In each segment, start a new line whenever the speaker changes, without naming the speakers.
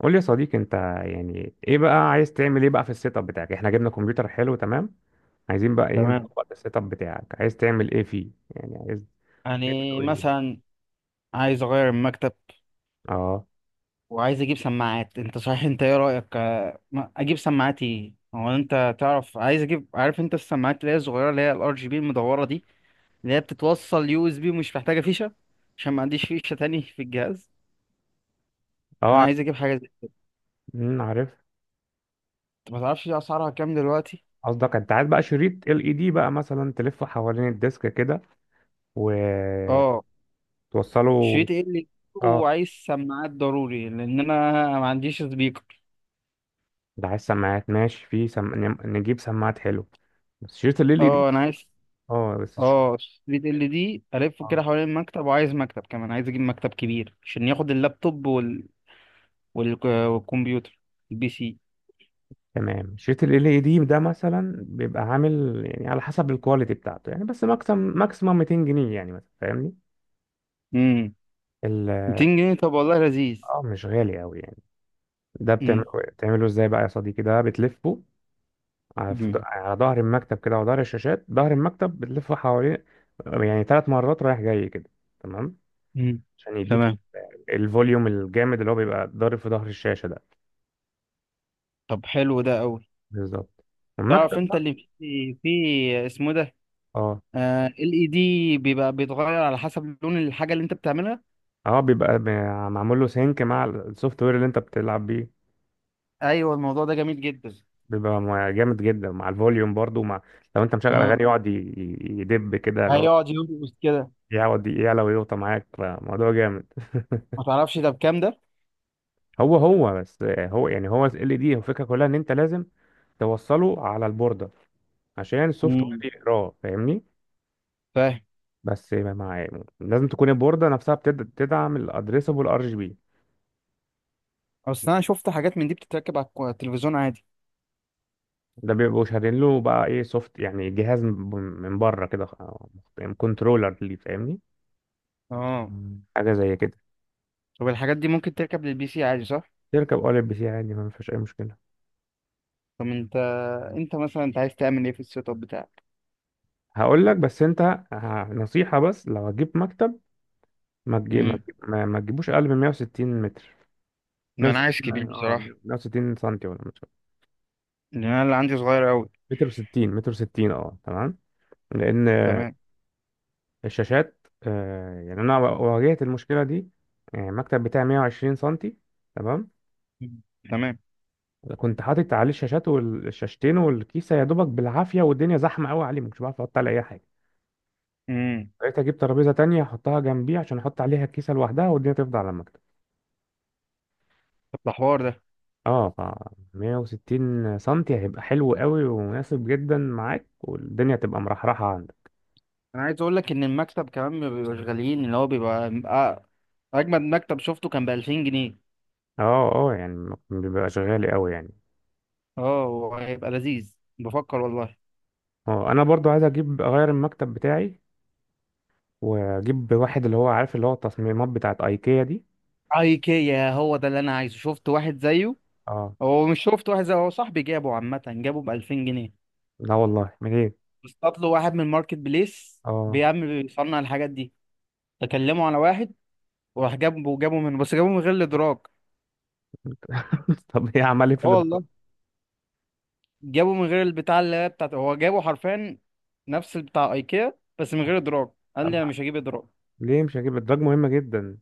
قول لي يا صديقي انت يعني ايه بقى، عايز تعمل ايه بقى في السيت اب بتاعك؟ احنا جبنا كمبيوتر حلو، تمام. عايزين بقى ايه؟
تمام.
نطبق السيت اب بتاعك، عايز تعمل ايه فيه يعني؟ عايز تعمله
يعني
ايه؟
مثلا، عايز اغير المكتب
اه.
وعايز اجيب سماعات. انت صحيح، انت ايه رأيك؟ اجيب سماعات ايه؟ هو انت تعرف، عايز اجيب، عارف انت السماعات اللي هي الصغيرة، اللي هي الار جي بي المدورة دي، اللي هي بتتوصل يو اس بي ومش محتاجة فيشة، عشان ما عنديش فيشة تاني في الجهاز.
اه،
انا
عارف.
عايز اجيب حاجة زي كده.
عارف.
أنت ما تعرفش دي اسعارها كام دلوقتي؟
قصدك انت عايز بقى شريط ال اي دي بقى، مثلا تلفه حوالين الديسك كده وتوصله؟
اه. شريط ايه اللي؟
اه،
وعايز سماعات ضروري لان انا ما عنديش سبيكر.
ده عايز سماعات ماشي نجيب سماعات، حلو. بس شريط ال ال اي دي،
اه انا عايز.
اه بس ش-
اه ستريت ال دي الفه كده حوالين المكتب، وعايز مكتب كمان، عايز اجيب مكتب كبير عشان ياخد اللابتوب والكمبيوتر، البي سي.
تمام. شريط ال ال دي ده مثلا بيبقى عامل يعني على حسب الكواليتي بتاعته، يعني بس ماكسيمم ماكسيمم 200 جنيه يعني، مثلا فاهمني؟
امم.
ال-
200 جنيه؟ طب والله لذيذ.
اه، مش غالي قوي يعني. ده بتعمله
امم.
بتعمله ازاي بقى يا صديقي؟ ده بتلفه
امم.
على ظهر المكتب كده، وظهر الشاشات، ظهر المكتب بتلفه حواليه يعني ثلاث مرات رايح جاي كده، تمام.
أمم.
عشان يديك
تمام.
الفوليوم الجامد اللي هو بيبقى ضارب في ظهر الشاشة ده،
طب حلو ده قوي.
بالظبط.
تعرف
المكتب
انت
بقى،
اللي في اسمه ده،
اه.
ال اي دي بيبقى بيتغير على حسب لون الحاجه اللي انت بتعملها.
اه، معمول له سينك مع السوفت وير اللي انت بتلعب بيه.
ايوه، الموضوع ده جميل جدا.
جامد جدا، مع الفوليوم برضو، مع، لو انت مشغل اغاني
اه،
يقعد يدب كده، اللي هو
هيقعد يرقص كده.
يقعد يعلى ويوطى معاك، فموضوع جامد.
ما تعرفش ده بكام ده؟
هو هو بس هو يعني هو ال دي الفكره كلها ان انت لازم توصله على البورده عشان السوفت وير
امم،
يقراه، فاهمني؟
فاهم.
بس مع، لازم تكون البورده نفسها بتدعم الادريسبل ار جي بي.
اصل انا شفت حاجات من دي بتتركب على التلفزيون عادي.
ده بيبقوا شارين له بقى ايه، سوفت يعني جهاز من من بره كده، كنترولر ليه، فاهمني؟
اه، مم.
حاجه زي كده.
طب الحاجات دي ممكن تركب للبي سي عادي، صح؟
تركب اول بي سي عادي، ما فيش اي مشكله.
طب انت، انت مثلا انت عايز تعمل ايه في السيت اب بتاعك؟
هقول لك، بس انت، نصيحة، بس لو هتجيب مكتب ما تجيب ما
امم.
تجيب- ما- ما تجيبوش اقل من 160 متر.
ما انا عايز
160،
كبير
اه.
بصراحه،
160 سنتي ولا متر؟
لان انا اللي عندي صغير قوي.
متر و60، متر و60، اه تمام. لان
تمام.
الشاشات، آه يعني، انا واجهت المشكلة دي يعني. المكتب بتاعي 120 سنتي، تمام.
مم. تمام.
كنت حاطط عليه الشاشات والشاشتين والكيسة، يا دوبك بالعافية، والدنيا زحمة قوي عليه، مش بعرف احط عليه اي حاجة.
امم.
بقيت اجيب ترابيزة تانية احطها جنبي عشان احط عليها الكيسة لوحدها، والدنيا تفضل على المكتب.
طب ده حوار ده.
اه، ف 160 سنتي هيبقى حلو قوي ومناسب جدا معاك، والدنيا تبقى مرحرحة عندك.
انا عايز اقول لك ان المكتب كمان ما بيبقاش غاليين، اللي هو بيبقى اجمد مكتب شفته كان ب 2000 جنيه.
اه اه، يعني بيبقى شغال قوي يعني.
اه وهيبقى لذيذ، بفكر والله.
اه، انا برضو عايز اجيب اغير المكتب بتاعي، واجيب واحد اللي هو، عارف، اللي هو التصميمات بتاعت ايكيا دي.
ايكيا، هو ده اللي انا عايزه، شفت واحد زيه.
اه.
هو مش شفت واحد زي، هو صاحبي جابه عامة، جابه ب 2000 جنيه.
لا والله منين.
اصطاد له واحد من الماركت بليس
اه.
بيعمل، بيصنع الحاجات دي. تكلموا على واحد، وراح جابه، جابه من، بس جابه من غير الادراج.
طب ايه، عمل ايه في
اه
الادراج؟
والله، جابه من غير البتاع اللي هي بتاعته، هو جابه حرفيا نفس بتاع ايكيا بس من غير ادراج. قال
طب
لي انا مش هجيب ادراج.
ليه مش هجيب الادراج؟ مهمة جدا.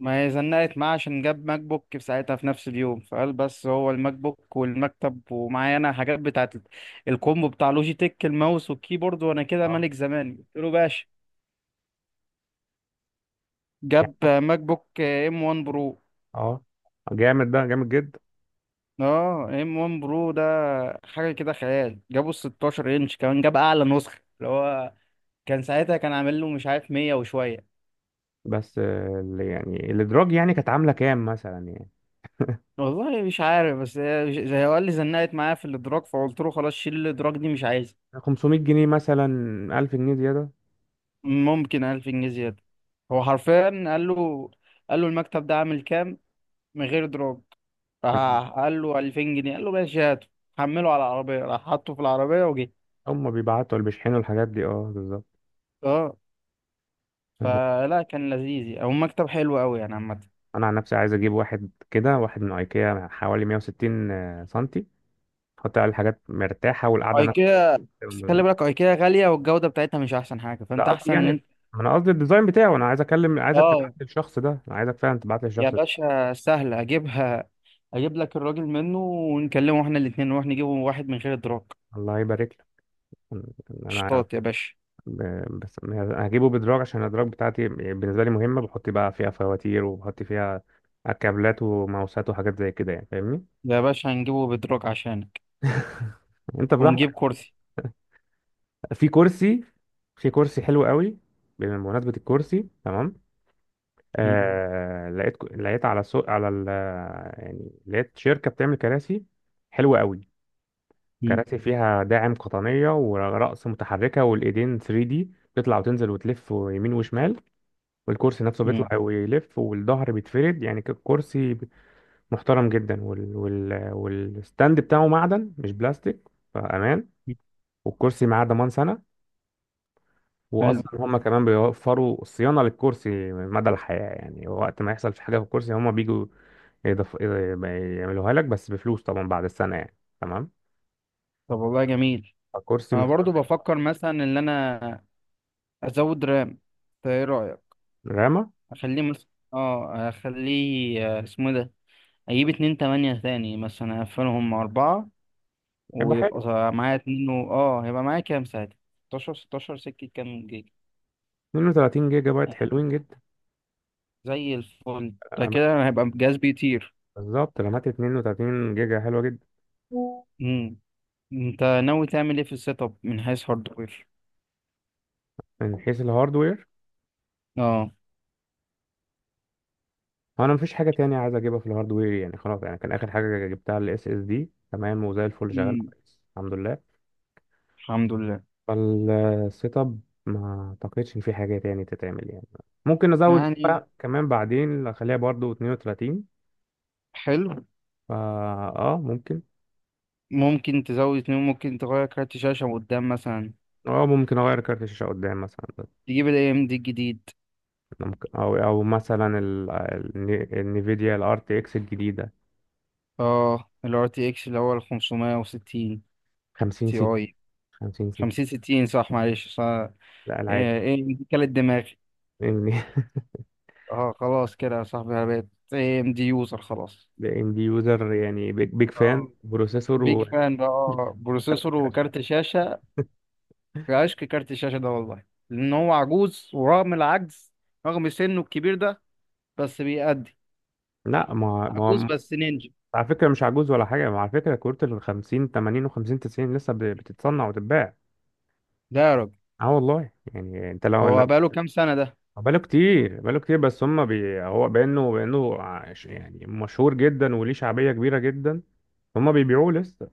ما هي زنقت معاه عشان جاب ماك بوك في ساعتها في نفس اليوم، فقال بس هو الماك بوك والمكتب، ومعايا انا حاجات بتاعت الكومبو بتاع لوجيتك، الماوس والكيبورد، وانا كده
اه
ملك زماني قلت له باشا.
يعني.
جاب ماك بوك ام 1 برو.
اه، جامد، ده جامد جدا.
اه ام 1 برو ده حاجه كده خيال. جابه ال 16 انش كمان، جاب اعلى نسخه اللي هو كان ساعتها كان عامل له مش عارف 100 وشويه.
بس آه، اللي يعني الادراج يعني كانت عاملة كام مثلا يعني؟
والله مش عارف، بس زي هو قال لي زنقت معايا في الادراك، فقلت له خلاص شيل الادراك دي مش عايزها.
500 جنيه مثلا، 1000 جنيه زيادة.
ممكن 1000 جنيه زياده. هو حرفيا قال له، قال له المكتب ده عامل كام من غير ادراك؟
مم.
راح قال له 2000 جنيه، قال له ماشي هاته. حمله على العربيه، راح حطه في العربيه وجه.
هم بيبعتوا اللي بيشحنوا الحاجات دي، اه بالظبط.
اه.
انا،
فلا كان لذيذ، او مكتب حلو قوي يعني، عامه كان.
أنا عن نفسي عايز اجيب واحد كده، واحد من ايكيا حوالي 160 سنتي، احط عليه الحاجات مرتاحة، والقعدة نفسها.
ايكيا بس خلي بالك ايكيا غاليه، والجوده بتاعتها مش احسن حاجه،
لا
فانت
قصدي
احسن
يعني،
ان انت.
ما انا قصدي الديزاين بتاعه. انا عايز اكلم، عايزك تبعت
اه
لي الشخص ده، انا عايزك فعلا تبعت لي
يا
الشخص ده.
باشا، سهله اجيبها، اجيب لك الراجل منه ونكلمه احنا الاثنين نروح نجيبه واحد من غير ادراك.
الله يبارك لك. انا،
شطاط يا باشا.
بس هجيبه بدراج عشان الادراج بتاعتي بالنسبة لي مهمة، بحط بقى فيها فواتير، وبحط فيها كابلات وماوسات وحاجات زي كده يعني، فاهمني.
يا باشا هنجيبه بادراك عشانك.
انت
ونجيب
براحتك.
كرسي.
في كرسي، في كرسي حلو قوي. بمناسبة الكرسي، تمام.
م-
آه، لقيت على سوق، على ال، يعني لقيت شركة بتعمل كراسي حلوة قوي.
م-
كراسي فيها داعم قطنية، ورأس متحركة، والإيدين 3D، تطلع وتنزل وتلف يمين وشمال، والكرسي نفسه
م-
بيطلع ويلف، والظهر بيتفرد، يعني كرسي محترم جدا، والستاند بتاعه معدن مش بلاستيك، فأمان.
م.
والكرسي معاه ضمان سنة، واصلا
حلو.
هم كمان بيوفروا صيانه للكرسي مدى الحياه يعني. وقت ما يحصل في حاجه في الكرسي هم بيجوا يضف... يعملوها لك، بس بفلوس طبعا بعد السنه يعني، تمام.
طب والله جميل.
الكرسي
انا
محترم
برضو
جدا.
بفكر مثلا ان انا ازود رام، انت ايه رايك؟
رامه،
اخليه مثلا، اه اخليه، اسمه إيه ده، اجيب اتنين تمانية تاني مثلا اقفلهم مع اربعة،
هيبقى
ويبقى
حلو.
معايا اتنين، و... اه هيبقى معايا كام ساعتها؟ ستاشر سكة كام جيجا؟
32 جيجا
آه،
بايت حلوين جدا.
زي الفل، ده
أنا بك-
كده هيبقى جهاز بيطير.
بالظبط، رامات 32 جيجا حلوه جدا.
مم. انت ناوي تعمل ايه في السيت اب من حيث هاردوير؟
من حيث الهاردوير،
اه،
انا مفيش حاجه تانية عايز اجيبها في الهاردوير يعني، خلاص يعني. كان اخر حاجه جبتها الاس اس دي، تمام. وزي الفل شغال
مم.
كويس، الحمد لله.
الحمد لله.
فالسيت اب، ما اعتقدش ان في حاجه تاني تتعمل يعني. ممكن نزود
يعني
بقى كمان بعدين، اخليها برضو 32.
حلو.
فا، اه ممكن.
ممكن تزود اتنين، ممكن تغير كارت شاشة من قدام مثلا،
اه، ممكن اغير كارت الشاشه قدام مثلا.
تجيب الاي ام دي الجديد.
ممكن او او مثلا النفيديا الار تي اكس الجديده
اه، ال RTX اللي هو ال 560
50
تي
60.
اي.
50 60،
50 60، صح، معلش صح.
لا العادي.
ايه، إيه دي كانت دماغي.
لان،
اه خلاص كده يا صاحبي، انا بقيت اي ام دي يوزر خلاص.
لان دي يوزر يعني، بيج بيج فان
اه
بروسيسور
بيج
و...
فان بقى بروسيسور وكارت شاشة. في عشق كارت الشاشة ده والله. لأن هو عجوز، ورغم العجز، رغم سنه الكبير ده، بس بيأدي.
لا ما
عجوز
ما،
بس نينجا.
على فكره مش عجوز ولا حاجه. ما على فكره كروت ال 50 80 و 50 90 لسه بتتصنع وتتباع.
ده يا راجل،
اه والله يعني، انت لو لو،
هو بقاله كام سنة ده؟
آه. بقاله كتير، بقاله كتير، بس هم بي هو بانه بانه عش- يعني مشهور جدا وليه شعبيه كبيره جدا. هم بيبيعوه لسه.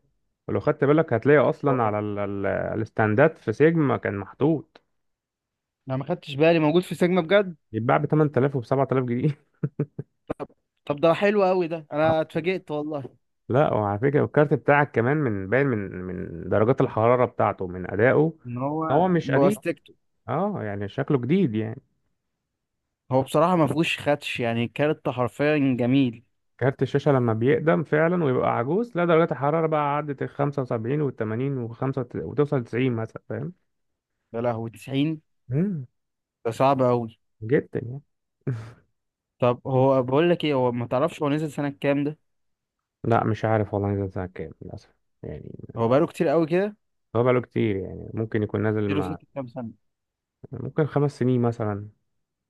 ولو خدت بالك هتلاقي اصلا
هو-
على الستاندات في سيجما كان محطوط،
أنا ما خدتش بالي موجود في سيجما بجد.
يتباع ب 8000 وب 7000 جنيه.
طب ده حلو قوي ده،
آه.
أنا اتفاجئت والله.
لا، وعلى فكره الكارت بتاعك كمان، من باين من من درجات الحراره بتاعته، من ادائه،
إن
هو
هو
مش قديم.
بوستكته.
اه يعني شكله جديد يعني.
هو بصراحة ما فيهوش خدش، يعني الكارت حرفيا جميل.
كارت الشاشة لما بيقدم فعلا ويبقى عجوز، لا درجات الحرارة بقى عدت ال 75 وال 80 وخمسة، وتوصل 90 مثلا، فاهم؟
يا لهوي 90!
امم،
ده صعب قوي.
جدا يعني.
طب هو بقول لك ايه، هو ما تعرفش هو نزل سنة كام ده؟
لا مش عارف والله نزل سنة كام للأسف يعني.
هو بقاله كتير قوي كده.
هو بقاله كتير يعني، ممكن يكون نازل
اديله
مع،
سكة كام سنة.
ممكن خمس سنين مثلا،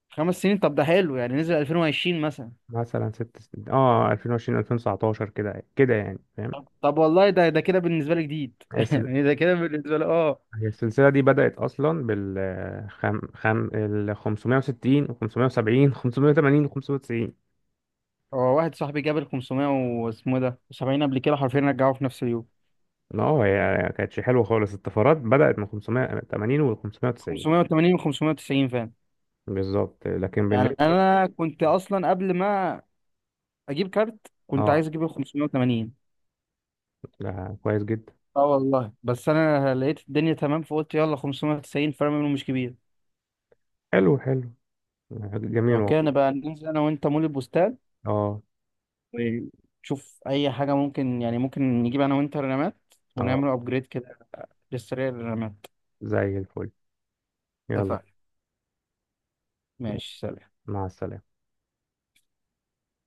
5 سنين، طب ده حلو، يعني نزل 2020 مثلا.
مثلا ست سنين، اه. 2020 2019 كده كده يعني، فاهم.
طب طب والله ده كده بالنسبة لي جديد.
هي السل-
يعني ده كده بالنسبة لي، اه.
هي السلسلة دي بدأت أصلا بال ال 560 و 570 580 و 590.
هو واحد صاحبي جاب ال 500 واسمه إيه ده 70 قبل كده، حرفيا رجعوه في نفس اليوم.
ما هو هي، ما كانتش حلوه خالص، الطفرات بدأت من 580 و 590،
580 و 590 فعلا.
بالظبط. لكن
يعني
بالنسبه،
انا كنت اصلا قبل ما اجيب كارت كنت
اه،
عايز اجيب ال 580.
لا كويس جدا.
اه والله، بس انا لقيت الدنيا تمام فقلت يلا 590، فرق منه مش كبير.
حلو، حلو، جميل
لو
والله.
كان بقى ننزل انا وانت مول البستان،
اه
ونشوف اي حاجه ممكن، يعني ممكن نجيب انا وانت رمات
اه،
ونعمل ابجريد كده، للسريع للرمات.
زي الفل. يلا،
اتفقنا، ماشي، سلام.
مع السلامه.